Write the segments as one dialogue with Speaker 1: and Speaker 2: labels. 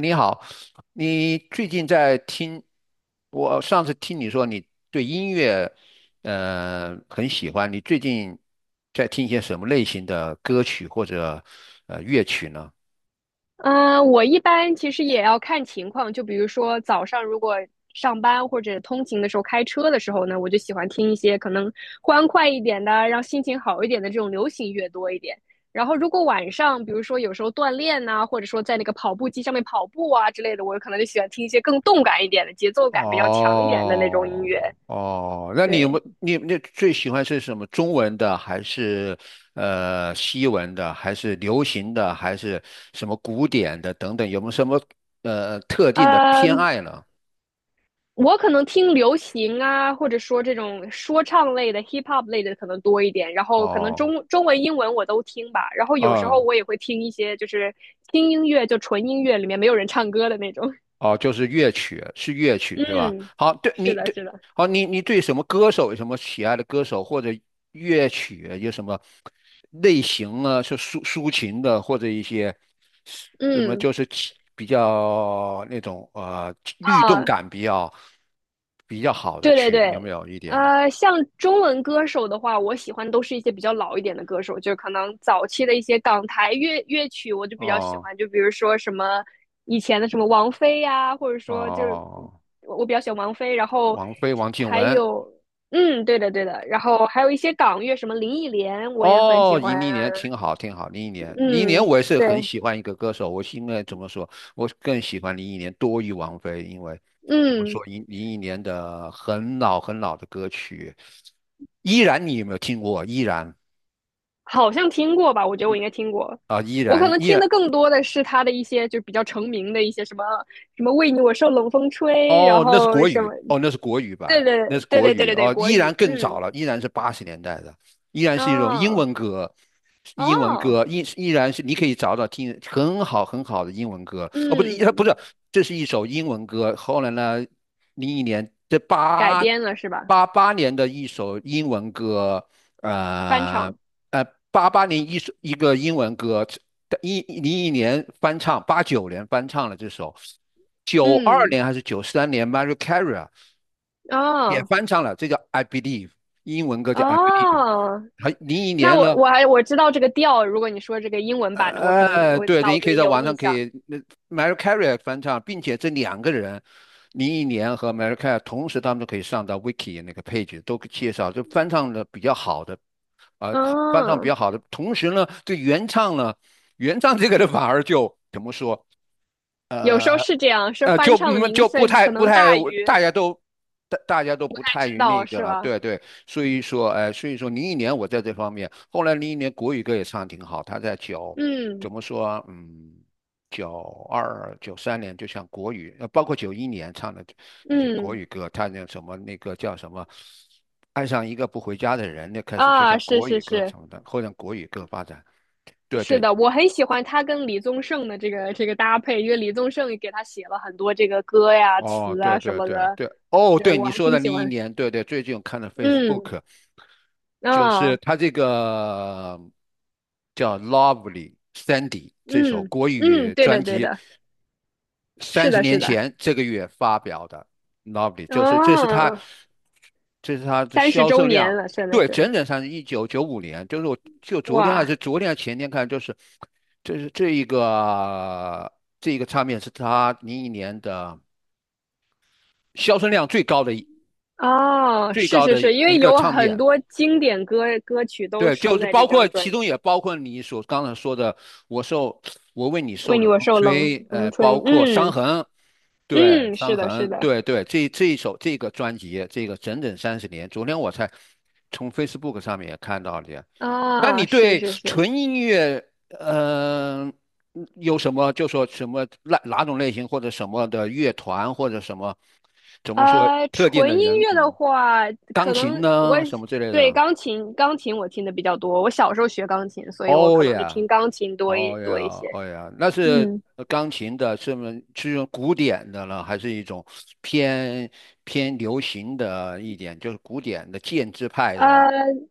Speaker 1: 你好，你最近在听？我上次听你说你对音乐，很喜欢。你最近在听一些什么类型的歌曲或者乐曲呢？
Speaker 2: 嗯，我一般其实也要看情况，就比如说早上如果上班或者通勤的时候开车的时候呢，我就喜欢听一些可能欢快一点的，让心情好一点的这种流行乐多一点。然后如果晚上，比如说有时候锻炼呐、或者说在那个跑步机上面跑步啊之类的，我可能就喜欢听一些更动感一点的、节奏感比较强一点的那种音乐。
Speaker 1: 哦哦，那你有没
Speaker 2: 对，
Speaker 1: 你你那最喜欢是什么？中文的还是西文的，还是流行的，还是什么古典的等等？有没有什么特定的偏
Speaker 2: 嗯。
Speaker 1: 爱呢？
Speaker 2: 我可能听流行啊，或者说这种说唱类的、hip hop 类的可能多一点，然后可能
Speaker 1: 哦，
Speaker 2: 中文、英文我都听吧，然后有时候
Speaker 1: 嗯。
Speaker 2: 我也会听一些就是轻音乐，就纯音乐里面没有人唱歌的那种。
Speaker 1: 哦，就是乐曲，是乐 曲是吧？
Speaker 2: 嗯，
Speaker 1: 好，对你
Speaker 2: 是的，
Speaker 1: 对，
Speaker 2: 是的，
Speaker 1: 好，你对什么歌手有什么喜爱的歌手或者乐曲有什么类型啊？是抒情的，或者一些什么
Speaker 2: 嗯。
Speaker 1: 就是起比较那种律动
Speaker 2: 啊。
Speaker 1: 感比较好的
Speaker 2: 对对
Speaker 1: 曲子，有没
Speaker 2: 对，
Speaker 1: 有一点？
Speaker 2: 像中文歌手的话，我喜欢都是一些比较老一点的歌手，就可能早期的一些港台乐曲，我就比较喜
Speaker 1: 哦
Speaker 2: 欢，就比如说什么以前的什么王菲呀、或者说就是
Speaker 1: 哦，
Speaker 2: 我比较喜欢王菲，然后
Speaker 1: 王菲、王静
Speaker 2: 还
Speaker 1: 雯。
Speaker 2: 有嗯，对的对的，然后还有一些港乐，什么林忆莲，我也很喜
Speaker 1: 哦，
Speaker 2: 欢啊
Speaker 1: 林忆莲，挺好，挺好。林忆莲，林忆莲，
Speaker 2: 嗯，
Speaker 1: 我也是很
Speaker 2: 对，
Speaker 1: 喜欢一个歌手，我是因为怎么说，我更喜欢林忆莲多于王菲，因为怎么
Speaker 2: 嗯。
Speaker 1: 说，林忆莲的很老很老的歌曲，依然，你有没有听过？依然
Speaker 2: 好像听过吧？我觉得我应该听过。
Speaker 1: 啊，依
Speaker 2: 我可
Speaker 1: 然
Speaker 2: 能
Speaker 1: 依
Speaker 2: 听
Speaker 1: 然
Speaker 2: 的更多的是他的一些就比较成名的一些什么什么为你我受冷风吹，然
Speaker 1: 哦，那是
Speaker 2: 后
Speaker 1: 国
Speaker 2: 什么，
Speaker 1: 语，哦，那是国语版，
Speaker 2: 对对
Speaker 1: 那是
Speaker 2: 对
Speaker 1: 国
Speaker 2: 对对
Speaker 1: 语，
Speaker 2: 对对，
Speaker 1: 哦，
Speaker 2: 国
Speaker 1: 依然
Speaker 2: 语，
Speaker 1: 更早
Speaker 2: 嗯，
Speaker 1: 了，依然是80年代的，依然是一种英
Speaker 2: 哦
Speaker 1: 文歌，英文
Speaker 2: 哦，
Speaker 1: 歌，依然是你可以找听很好很好的英文歌，哦，不是，
Speaker 2: 嗯，
Speaker 1: 这是一首英文歌，后来呢，零一年这
Speaker 2: 改
Speaker 1: 八
Speaker 2: 编了是吧？
Speaker 1: 八八年的一首英文歌，
Speaker 2: 翻
Speaker 1: 呃
Speaker 2: 唱，
Speaker 1: 呃，八八年一个英文歌，101年翻唱，89年翻唱了这首，九二
Speaker 2: 嗯，
Speaker 1: 年还是九三年 m a r i a Carey 啊也
Speaker 2: 哦
Speaker 1: 翻唱了，这叫《I Believe》，英文歌叫《I Believe》。
Speaker 2: 哦，
Speaker 1: 还零一
Speaker 2: 那
Speaker 1: 年
Speaker 2: 我
Speaker 1: 呢，
Speaker 2: 我还我知道这个调，如果你说这个英文版的，我可能我
Speaker 1: 对对，
Speaker 2: 脑
Speaker 1: 你
Speaker 2: 子
Speaker 1: 可以
Speaker 2: 里
Speaker 1: 在
Speaker 2: 有
Speaker 1: 网
Speaker 2: 印
Speaker 1: 上可
Speaker 2: 象，
Speaker 1: 以那 m a r i a Carey 翻唱，并且这两个人，零一年和 m a r i a Carey 同时他们都可以上到 Wiki 那个 page 都介绍，就翻唱的比较好的，呃，翻唱比
Speaker 2: 嗯、
Speaker 1: 较好的，同时呢，这原唱呢，原唱这个的反而就怎么说？
Speaker 2: 有时候
Speaker 1: 呃。
Speaker 2: 是这样，是
Speaker 1: 就
Speaker 2: 翻唱的名
Speaker 1: 就不
Speaker 2: 声
Speaker 1: 太
Speaker 2: 可
Speaker 1: 不
Speaker 2: 能
Speaker 1: 太，
Speaker 2: 大于
Speaker 1: 大家都大家都不太
Speaker 2: 知
Speaker 1: 于那
Speaker 2: 道
Speaker 1: 个
Speaker 2: 是
Speaker 1: 了，
Speaker 2: 吧？
Speaker 1: 对对，所以说，所以说零一年我在这方面，后来零一年国语歌也唱得挺好，他在怎
Speaker 2: 嗯
Speaker 1: 么说92、93年，就像国语，包括91年唱的一些国
Speaker 2: 嗯
Speaker 1: 语歌，他那什么那个叫什么，爱上一个不回家的人，那开始就
Speaker 2: 啊，
Speaker 1: 像
Speaker 2: 是
Speaker 1: 国语
Speaker 2: 是
Speaker 1: 歌
Speaker 2: 是
Speaker 1: 成的，后来国语歌发展，对
Speaker 2: 是
Speaker 1: 对，
Speaker 2: 的，我很喜欢他跟李宗盛的这个这个搭配，因为李宗盛也给他写了很多这个歌呀、
Speaker 1: 哦，
Speaker 2: 词
Speaker 1: 对
Speaker 2: 啊什
Speaker 1: 对
Speaker 2: 么
Speaker 1: 对
Speaker 2: 的，
Speaker 1: 对，哦，
Speaker 2: 是
Speaker 1: 对
Speaker 2: 我
Speaker 1: 你
Speaker 2: 还
Speaker 1: 说
Speaker 2: 挺
Speaker 1: 的
Speaker 2: 喜
Speaker 1: 零一
Speaker 2: 欢。
Speaker 1: 年，对对，最近我看了
Speaker 2: 嗯
Speaker 1: Facebook，就是
Speaker 2: 啊
Speaker 1: 他这个叫《Lovely Sandy》这首
Speaker 2: 嗯
Speaker 1: 国
Speaker 2: 嗯，
Speaker 1: 语
Speaker 2: 对
Speaker 1: 专
Speaker 2: 的对
Speaker 1: 辑，
Speaker 2: 的，
Speaker 1: 三
Speaker 2: 是
Speaker 1: 十
Speaker 2: 的
Speaker 1: 年
Speaker 2: 是的。
Speaker 1: 前这个月发表的《Lovely》，就是这是他，
Speaker 2: 哦，
Speaker 1: 的
Speaker 2: 三十
Speaker 1: 销
Speaker 2: 周
Speaker 1: 售
Speaker 2: 年
Speaker 1: 量，
Speaker 2: 了，真的
Speaker 1: 对，整
Speaker 2: 是
Speaker 1: 整上是1995年，就是我就
Speaker 2: 哇！
Speaker 1: 昨天还是前天看，就是这是这一个这一个唱片是他零一年的销售量最高的。
Speaker 2: 哦，
Speaker 1: 最
Speaker 2: 是
Speaker 1: 高
Speaker 2: 是
Speaker 1: 的
Speaker 2: 是，因
Speaker 1: 一
Speaker 2: 为
Speaker 1: 个
Speaker 2: 有
Speaker 1: 唱
Speaker 2: 很
Speaker 1: 片。
Speaker 2: 多经典歌曲都
Speaker 1: 对，就
Speaker 2: 收
Speaker 1: 是
Speaker 2: 在
Speaker 1: 包
Speaker 2: 这
Speaker 1: 括
Speaker 2: 张专
Speaker 1: 其
Speaker 2: 辑
Speaker 1: 中
Speaker 2: 里。
Speaker 1: 也包括你所刚才说的，我受我为你受
Speaker 2: 为你
Speaker 1: 冷
Speaker 2: 我
Speaker 1: 风
Speaker 2: 受冷
Speaker 1: 吹，
Speaker 2: 风
Speaker 1: 包
Speaker 2: 吹，
Speaker 1: 括伤
Speaker 2: 嗯
Speaker 1: 痕，对，
Speaker 2: 嗯，
Speaker 1: 伤
Speaker 2: 是的，是
Speaker 1: 痕，
Speaker 2: 的，
Speaker 1: 对对，这一首这个专辑，这个整整三十年，昨天我才从 Facebook 上面也看到的。那
Speaker 2: 啊，
Speaker 1: 你
Speaker 2: 是
Speaker 1: 对
Speaker 2: 是是，
Speaker 1: 纯音乐，嗯，有什么就说什么哪种类型或者什么的乐团或者什么怎么说特定
Speaker 2: 纯
Speaker 1: 的
Speaker 2: 音
Speaker 1: 人，
Speaker 2: 乐的话，
Speaker 1: 钢
Speaker 2: 可
Speaker 1: 琴
Speaker 2: 能我
Speaker 1: 呢什么之类
Speaker 2: 对
Speaker 1: 的？
Speaker 2: 钢琴，钢琴我听的比较多。我小时候学钢琴，所以我
Speaker 1: 哦
Speaker 2: 可能就听
Speaker 1: 呀，
Speaker 2: 钢琴多一
Speaker 1: 哦
Speaker 2: 多一
Speaker 1: 呀，
Speaker 2: 些。
Speaker 1: 哦呀，那是
Speaker 2: 嗯。
Speaker 1: 钢琴的，是吗？是用古典的了，还是一种偏偏流行的一点，就是古典的建制派的
Speaker 2: 呃，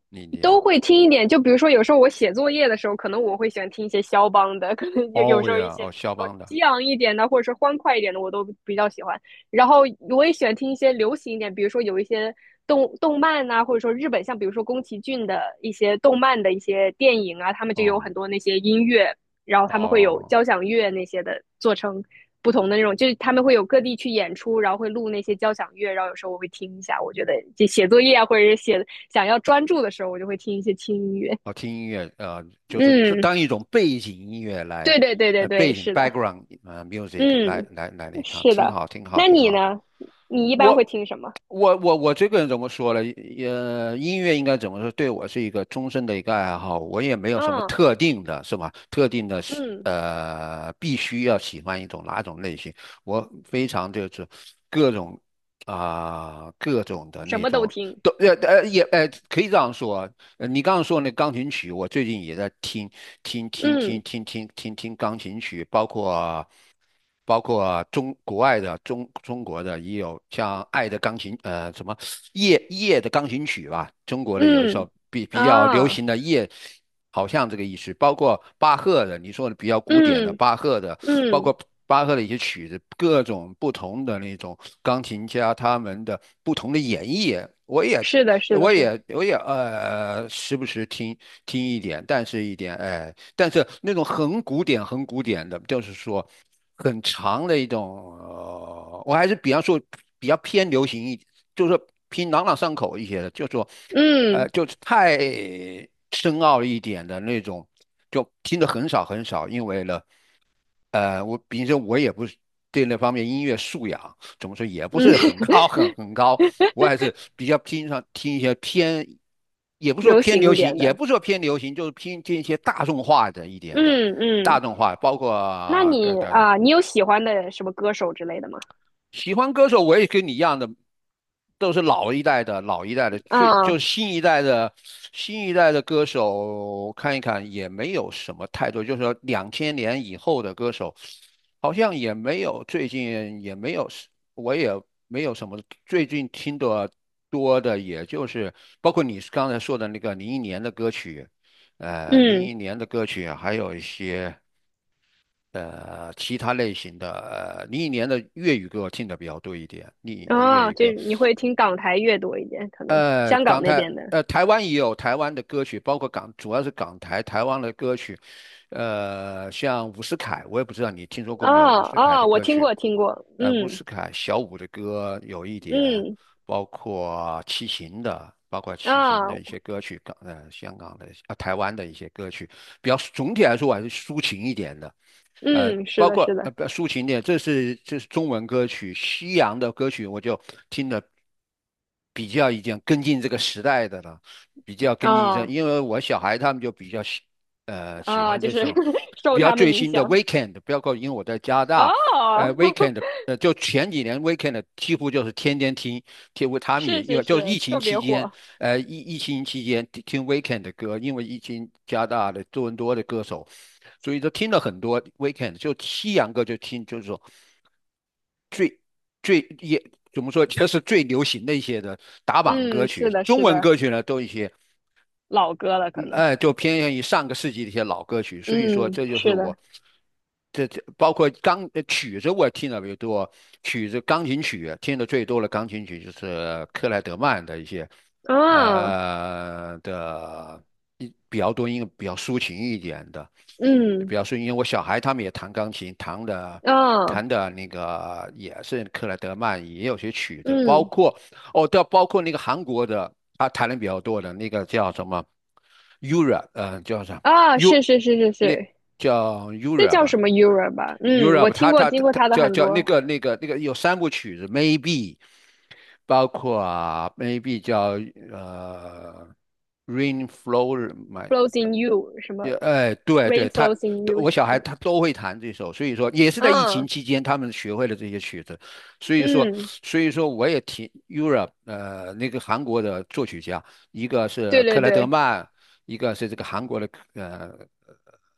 Speaker 1: 那点？
Speaker 2: 都会听一点。就比如说，有时候我写作业的时候，可能我会喜欢听一些肖邦的，可能有
Speaker 1: 哦
Speaker 2: 时候一
Speaker 1: 呀，
Speaker 2: 些
Speaker 1: 哦，肖邦的，
Speaker 2: 激昂一点的，或者是欢快一点的，我都比较喜欢。然后我也喜欢听一些流行一点，比如说有一些动漫呐、或者说日本，像比如说宫崎骏的一些动漫的一些电影啊，他们就有
Speaker 1: 哦
Speaker 2: 很多那些音乐，然后他们会有
Speaker 1: 哦
Speaker 2: 交响乐那些的做成。不同的那种，就是他们会有各地去演出，然后会录那些交响乐，然后有时候我会听一下，我觉得就写作业啊，或者是写想要专注的时候，我就会听一些轻音乐。
Speaker 1: 哦，听音乐，就是这
Speaker 2: 嗯，
Speaker 1: 当一种背景音乐来，
Speaker 2: 对对对对
Speaker 1: 背
Speaker 2: 对，
Speaker 1: 景
Speaker 2: 是的，
Speaker 1: background music 来
Speaker 2: 嗯
Speaker 1: 来来那看，
Speaker 2: 是
Speaker 1: 挺
Speaker 2: 的。
Speaker 1: 好，挺好，
Speaker 2: 那
Speaker 1: 挺
Speaker 2: 你
Speaker 1: 好。
Speaker 2: 呢？你一般会
Speaker 1: 我
Speaker 2: 听什么？
Speaker 1: 我这个人怎么说呢？音乐应该怎么说？对我是一个终身的一个爱好，我也没有什么
Speaker 2: 啊，
Speaker 1: 特定的，是吧？特定的是
Speaker 2: 嗯
Speaker 1: ，必须要喜欢一种哪种类型，我非常就是各种啊、各种的
Speaker 2: 什
Speaker 1: 那
Speaker 2: 么都
Speaker 1: 种
Speaker 2: 听
Speaker 1: 都也可以这样说，你刚刚说那钢琴曲，我最近也在听听听听
Speaker 2: 嗯
Speaker 1: 听听听听钢琴曲，包括中国外的中国的也有像《爱的钢琴》什么夜的钢琴曲吧，中国的有一
Speaker 2: 嗯
Speaker 1: 首比较流
Speaker 2: 啊。
Speaker 1: 行的夜，好像这个意思，包括巴赫的，你说的比较古典的
Speaker 2: 嗯
Speaker 1: 巴赫的，包
Speaker 2: 嗯
Speaker 1: 括。巴赫的一些曲子，各种不同的那种钢琴家他们的不同的演绎，
Speaker 2: 是的，是的，是的，
Speaker 1: 我也时不时听一点，但是一点哎，但是那种很古典、很古典的，就是说很长的一种，我还是比方说比较偏流行一，就是说偏朗朗上口一些的，就是说
Speaker 2: 嗯
Speaker 1: 就是太深奥一点的那种，就听得很少很少，因为呢。我比如说，我也不是对那方面音乐素养怎么说也不
Speaker 2: 嗯，
Speaker 1: 是很高 很高，我还是比较偏上听一些偏，也不说
Speaker 2: 流
Speaker 1: 偏
Speaker 2: 行
Speaker 1: 流
Speaker 2: 一
Speaker 1: 行，
Speaker 2: 点
Speaker 1: 也
Speaker 2: 的。
Speaker 1: 不说偏流行，就是偏听一些大众化的一点的，
Speaker 2: 嗯
Speaker 1: 大
Speaker 2: 嗯
Speaker 1: 众化，包
Speaker 2: 那
Speaker 1: 括对
Speaker 2: 你
Speaker 1: 对对。
Speaker 2: 啊，你有喜欢的什么歌手之类的吗？
Speaker 1: 喜欢歌手我也跟你一样的，都是老一代的老一代的，就
Speaker 2: 啊
Speaker 1: 是新一代的歌手看一看也没有什么太多，就是说2000年以后的歌手好像也没有，最近也没有，我也没有什么最近听的多的，也就是包括你刚才说的那个零一年的歌曲，零
Speaker 2: 嗯
Speaker 1: 一年的歌曲，还有一些。其他类型的，零一年的粤语歌我听的比较多一点，粤
Speaker 2: 啊，
Speaker 1: 语
Speaker 2: 就
Speaker 1: 歌，
Speaker 2: 是你会听港台乐多一点，可能香港
Speaker 1: 港
Speaker 2: 那
Speaker 1: 台，
Speaker 2: 边的。
Speaker 1: 台湾也有台湾的歌曲，包括港，主要是港台台湾的歌曲，像伍思凯，我也不知道你听说过没有，
Speaker 2: 啊
Speaker 1: 伍思凯
Speaker 2: 啊，
Speaker 1: 的
Speaker 2: 我
Speaker 1: 歌
Speaker 2: 听
Speaker 1: 曲，
Speaker 2: 过听过，
Speaker 1: 伍
Speaker 2: 嗯
Speaker 1: 思凯、小五的歌有一点，
Speaker 2: 嗯
Speaker 1: 包括齐秦的。包括齐秦
Speaker 2: 啊
Speaker 1: 的一些歌曲，香港的啊台湾的一些歌曲，比较总体来说我还是抒情一点的。
Speaker 2: 嗯，是
Speaker 1: 包
Speaker 2: 的
Speaker 1: 括
Speaker 2: 是的，
Speaker 1: 不抒情的，这是中文歌曲，西洋的歌曲我就听的比较已经跟进这个时代的了，比较跟进一这，
Speaker 2: 啊
Speaker 1: 因为我小孩他们就比较喜
Speaker 2: 啊，
Speaker 1: 欢
Speaker 2: 就
Speaker 1: 这
Speaker 2: 是
Speaker 1: 种 比
Speaker 2: 受
Speaker 1: 较
Speaker 2: 他们
Speaker 1: 最
Speaker 2: 影
Speaker 1: 新的
Speaker 2: 响
Speaker 1: Weekend，包括因为我在加拿大，
Speaker 2: 哦，
Speaker 1: Weekend 就前几年 Weekend 几乎就是天天听，几乎他们也
Speaker 2: 是
Speaker 1: 因
Speaker 2: 是
Speaker 1: 为就是
Speaker 2: 是，
Speaker 1: 疫情
Speaker 2: 特
Speaker 1: 期
Speaker 2: 别
Speaker 1: 间
Speaker 2: 火，
Speaker 1: 疫情期间听 Weekend 的歌，因为疫情加大的多伦多的歌手，所以就听了很多 Weekend，就西洋歌就听，就是说最也怎么说，就是最流行的一些的打榜歌
Speaker 2: 嗯，是
Speaker 1: 曲。
Speaker 2: 的
Speaker 1: 中
Speaker 2: 是
Speaker 1: 文
Speaker 2: 的，
Speaker 1: 歌曲呢，都一些
Speaker 2: 老歌了可
Speaker 1: 嗯
Speaker 2: 能，
Speaker 1: 哎，就偏向于上个世纪的一些老歌曲，所以说
Speaker 2: 嗯，
Speaker 1: 这就是
Speaker 2: 是的，
Speaker 1: 我，这包括曲子我听的比较多，曲子钢琴曲听的最多的钢琴曲就是克莱德曼的一些，
Speaker 2: 啊
Speaker 1: 呃的一比较多，因为比较抒情一点的，比
Speaker 2: 嗯
Speaker 1: 较抒情。因为我小孩他们也弹钢琴，
Speaker 2: 啊
Speaker 1: 弹的那个也是克莱德曼，也有些曲子，包
Speaker 2: 嗯
Speaker 1: 括。哦，对啊，包括那个韩国的，他谈的比较多的那个叫什么 Europe，叫啥
Speaker 2: 啊，
Speaker 1: U，
Speaker 2: 是是是是
Speaker 1: 那
Speaker 2: 是，
Speaker 1: 叫
Speaker 2: 这
Speaker 1: Europe
Speaker 2: 叫
Speaker 1: 吧
Speaker 2: 什么 Euro 吧？嗯，我
Speaker 1: ，Europe，他
Speaker 2: 听过
Speaker 1: 他
Speaker 2: 听
Speaker 1: 他
Speaker 2: 过
Speaker 1: 他
Speaker 2: 他的
Speaker 1: 叫
Speaker 2: 很
Speaker 1: 叫那
Speaker 2: 多
Speaker 1: 个那个那个有三部曲子，Maybe，包括啊 Maybe 叫呃 Rain Flow My，
Speaker 2: ，Flows in You 什么
Speaker 1: 也哎，对对，
Speaker 2: Rain
Speaker 1: 他
Speaker 2: Flows in You
Speaker 1: 我小
Speaker 2: 什
Speaker 1: 孩
Speaker 2: 么
Speaker 1: 他都会弹这首，所以说也是在疫情
Speaker 2: 啊
Speaker 1: 期间他们学会了这些曲子，所以说
Speaker 2: 嗯嗯。
Speaker 1: 所以说我也听 Europe 那个韩国的作曲家，一个是
Speaker 2: 对对
Speaker 1: 克莱德
Speaker 2: 对，
Speaker 1: 曼，一个是这个韩国的呃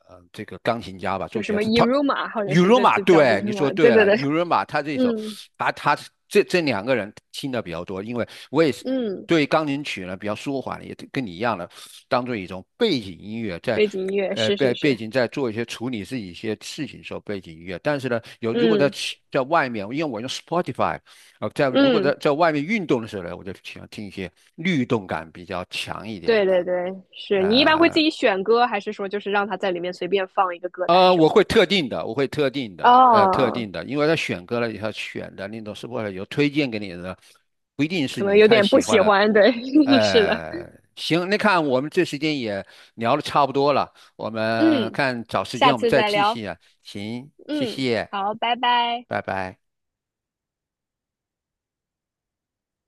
Speaker 1: 呃这个钢琴家吧，作
Speaker 2: 有
Speaker 1: 曲
Speaker 2: 什
Speaker 1: 家，
Speaker 2: 么
Speaker 1: 他
Speaker 2: Iruma，或者
Speaker 1: 雨
Speaker 2: 是
Speaker 1: 柔
Speaker 2: 这
Speaker 1: 马，
Speaker 2: 这叫这
Speaker 1: 对，
Speaker 2: 个什
Speaker 1: 你说
Speaker 2: 么？对
Speaker 1: 对
Speaker 2: 对
Speaker 1: 了，
Speaker 2: 对，
Speaker 1: 雨柔马他这首，
Speaker 2: 嗯
Speaker 1: 把他这两个人听的比较多，因为我也是
Speaker 2: 嗯，
Speaker 1: 对钢琴曲呢比较舒缓，也跟你一样的，当做一种背景音乐在。
Speaker 2: 背景音乐是是
Speaker 1: 背
Speaker 2: 是，
Speaker 1: 景在做一些处理自己一些事情的时候，背景音乐。但是呢，如果在
Speaker 2: 嗯
Speaker 1: 在外面，因为我用 Spotify，在如果在
Speaker 2: 嗯，
Speaker 1: 在外面运动的时候呢，我就喜欢听一些律动感比较强一点
Speaker 2: 对对
Speaker 1: 的。
Speaker 2: 对，是你一般会自
Speaker 1: 呃，
Speaker 2: 己选歌，还是说就是让他在里面随便放一个歌单什
Speaker 1: 我
Speaker 2: 么的？
Speaker 1: 会特定的，我会特定的，特
Speaker 2: 哦，
Speaker 1: 定的，因为他选歌了以后选的那种是或者有推荐给你的，不一定是
Speaker 2: 可能
Speaker 1: 你
Speaker 2: 有
Speaker 1: 太
Speaker 2: 点不
Speaker 1: 喜
Speaker 2: 喜
Speaker 1: 欢了。
Speaker 2: 欢，对，是的，
Speaker 1: 呃，行，那看我们这时间也聊的差不多了，我们
Speaker 2: 嗯，
Speaker 1: 看找时间
Speaker 2: 下
Speaker 1: 我们
Speaker 2: 次
Speaker 1: 再
Speaker 2: 再
Speaker 1: 继
Speaker 2: 聊，
Speaker 1: 续啊。行，谢
Speaker 2: 嗯，
Speaker 1: 谢，
Speaker 2: 好，拜拜。
Speaker 1: 拜拜。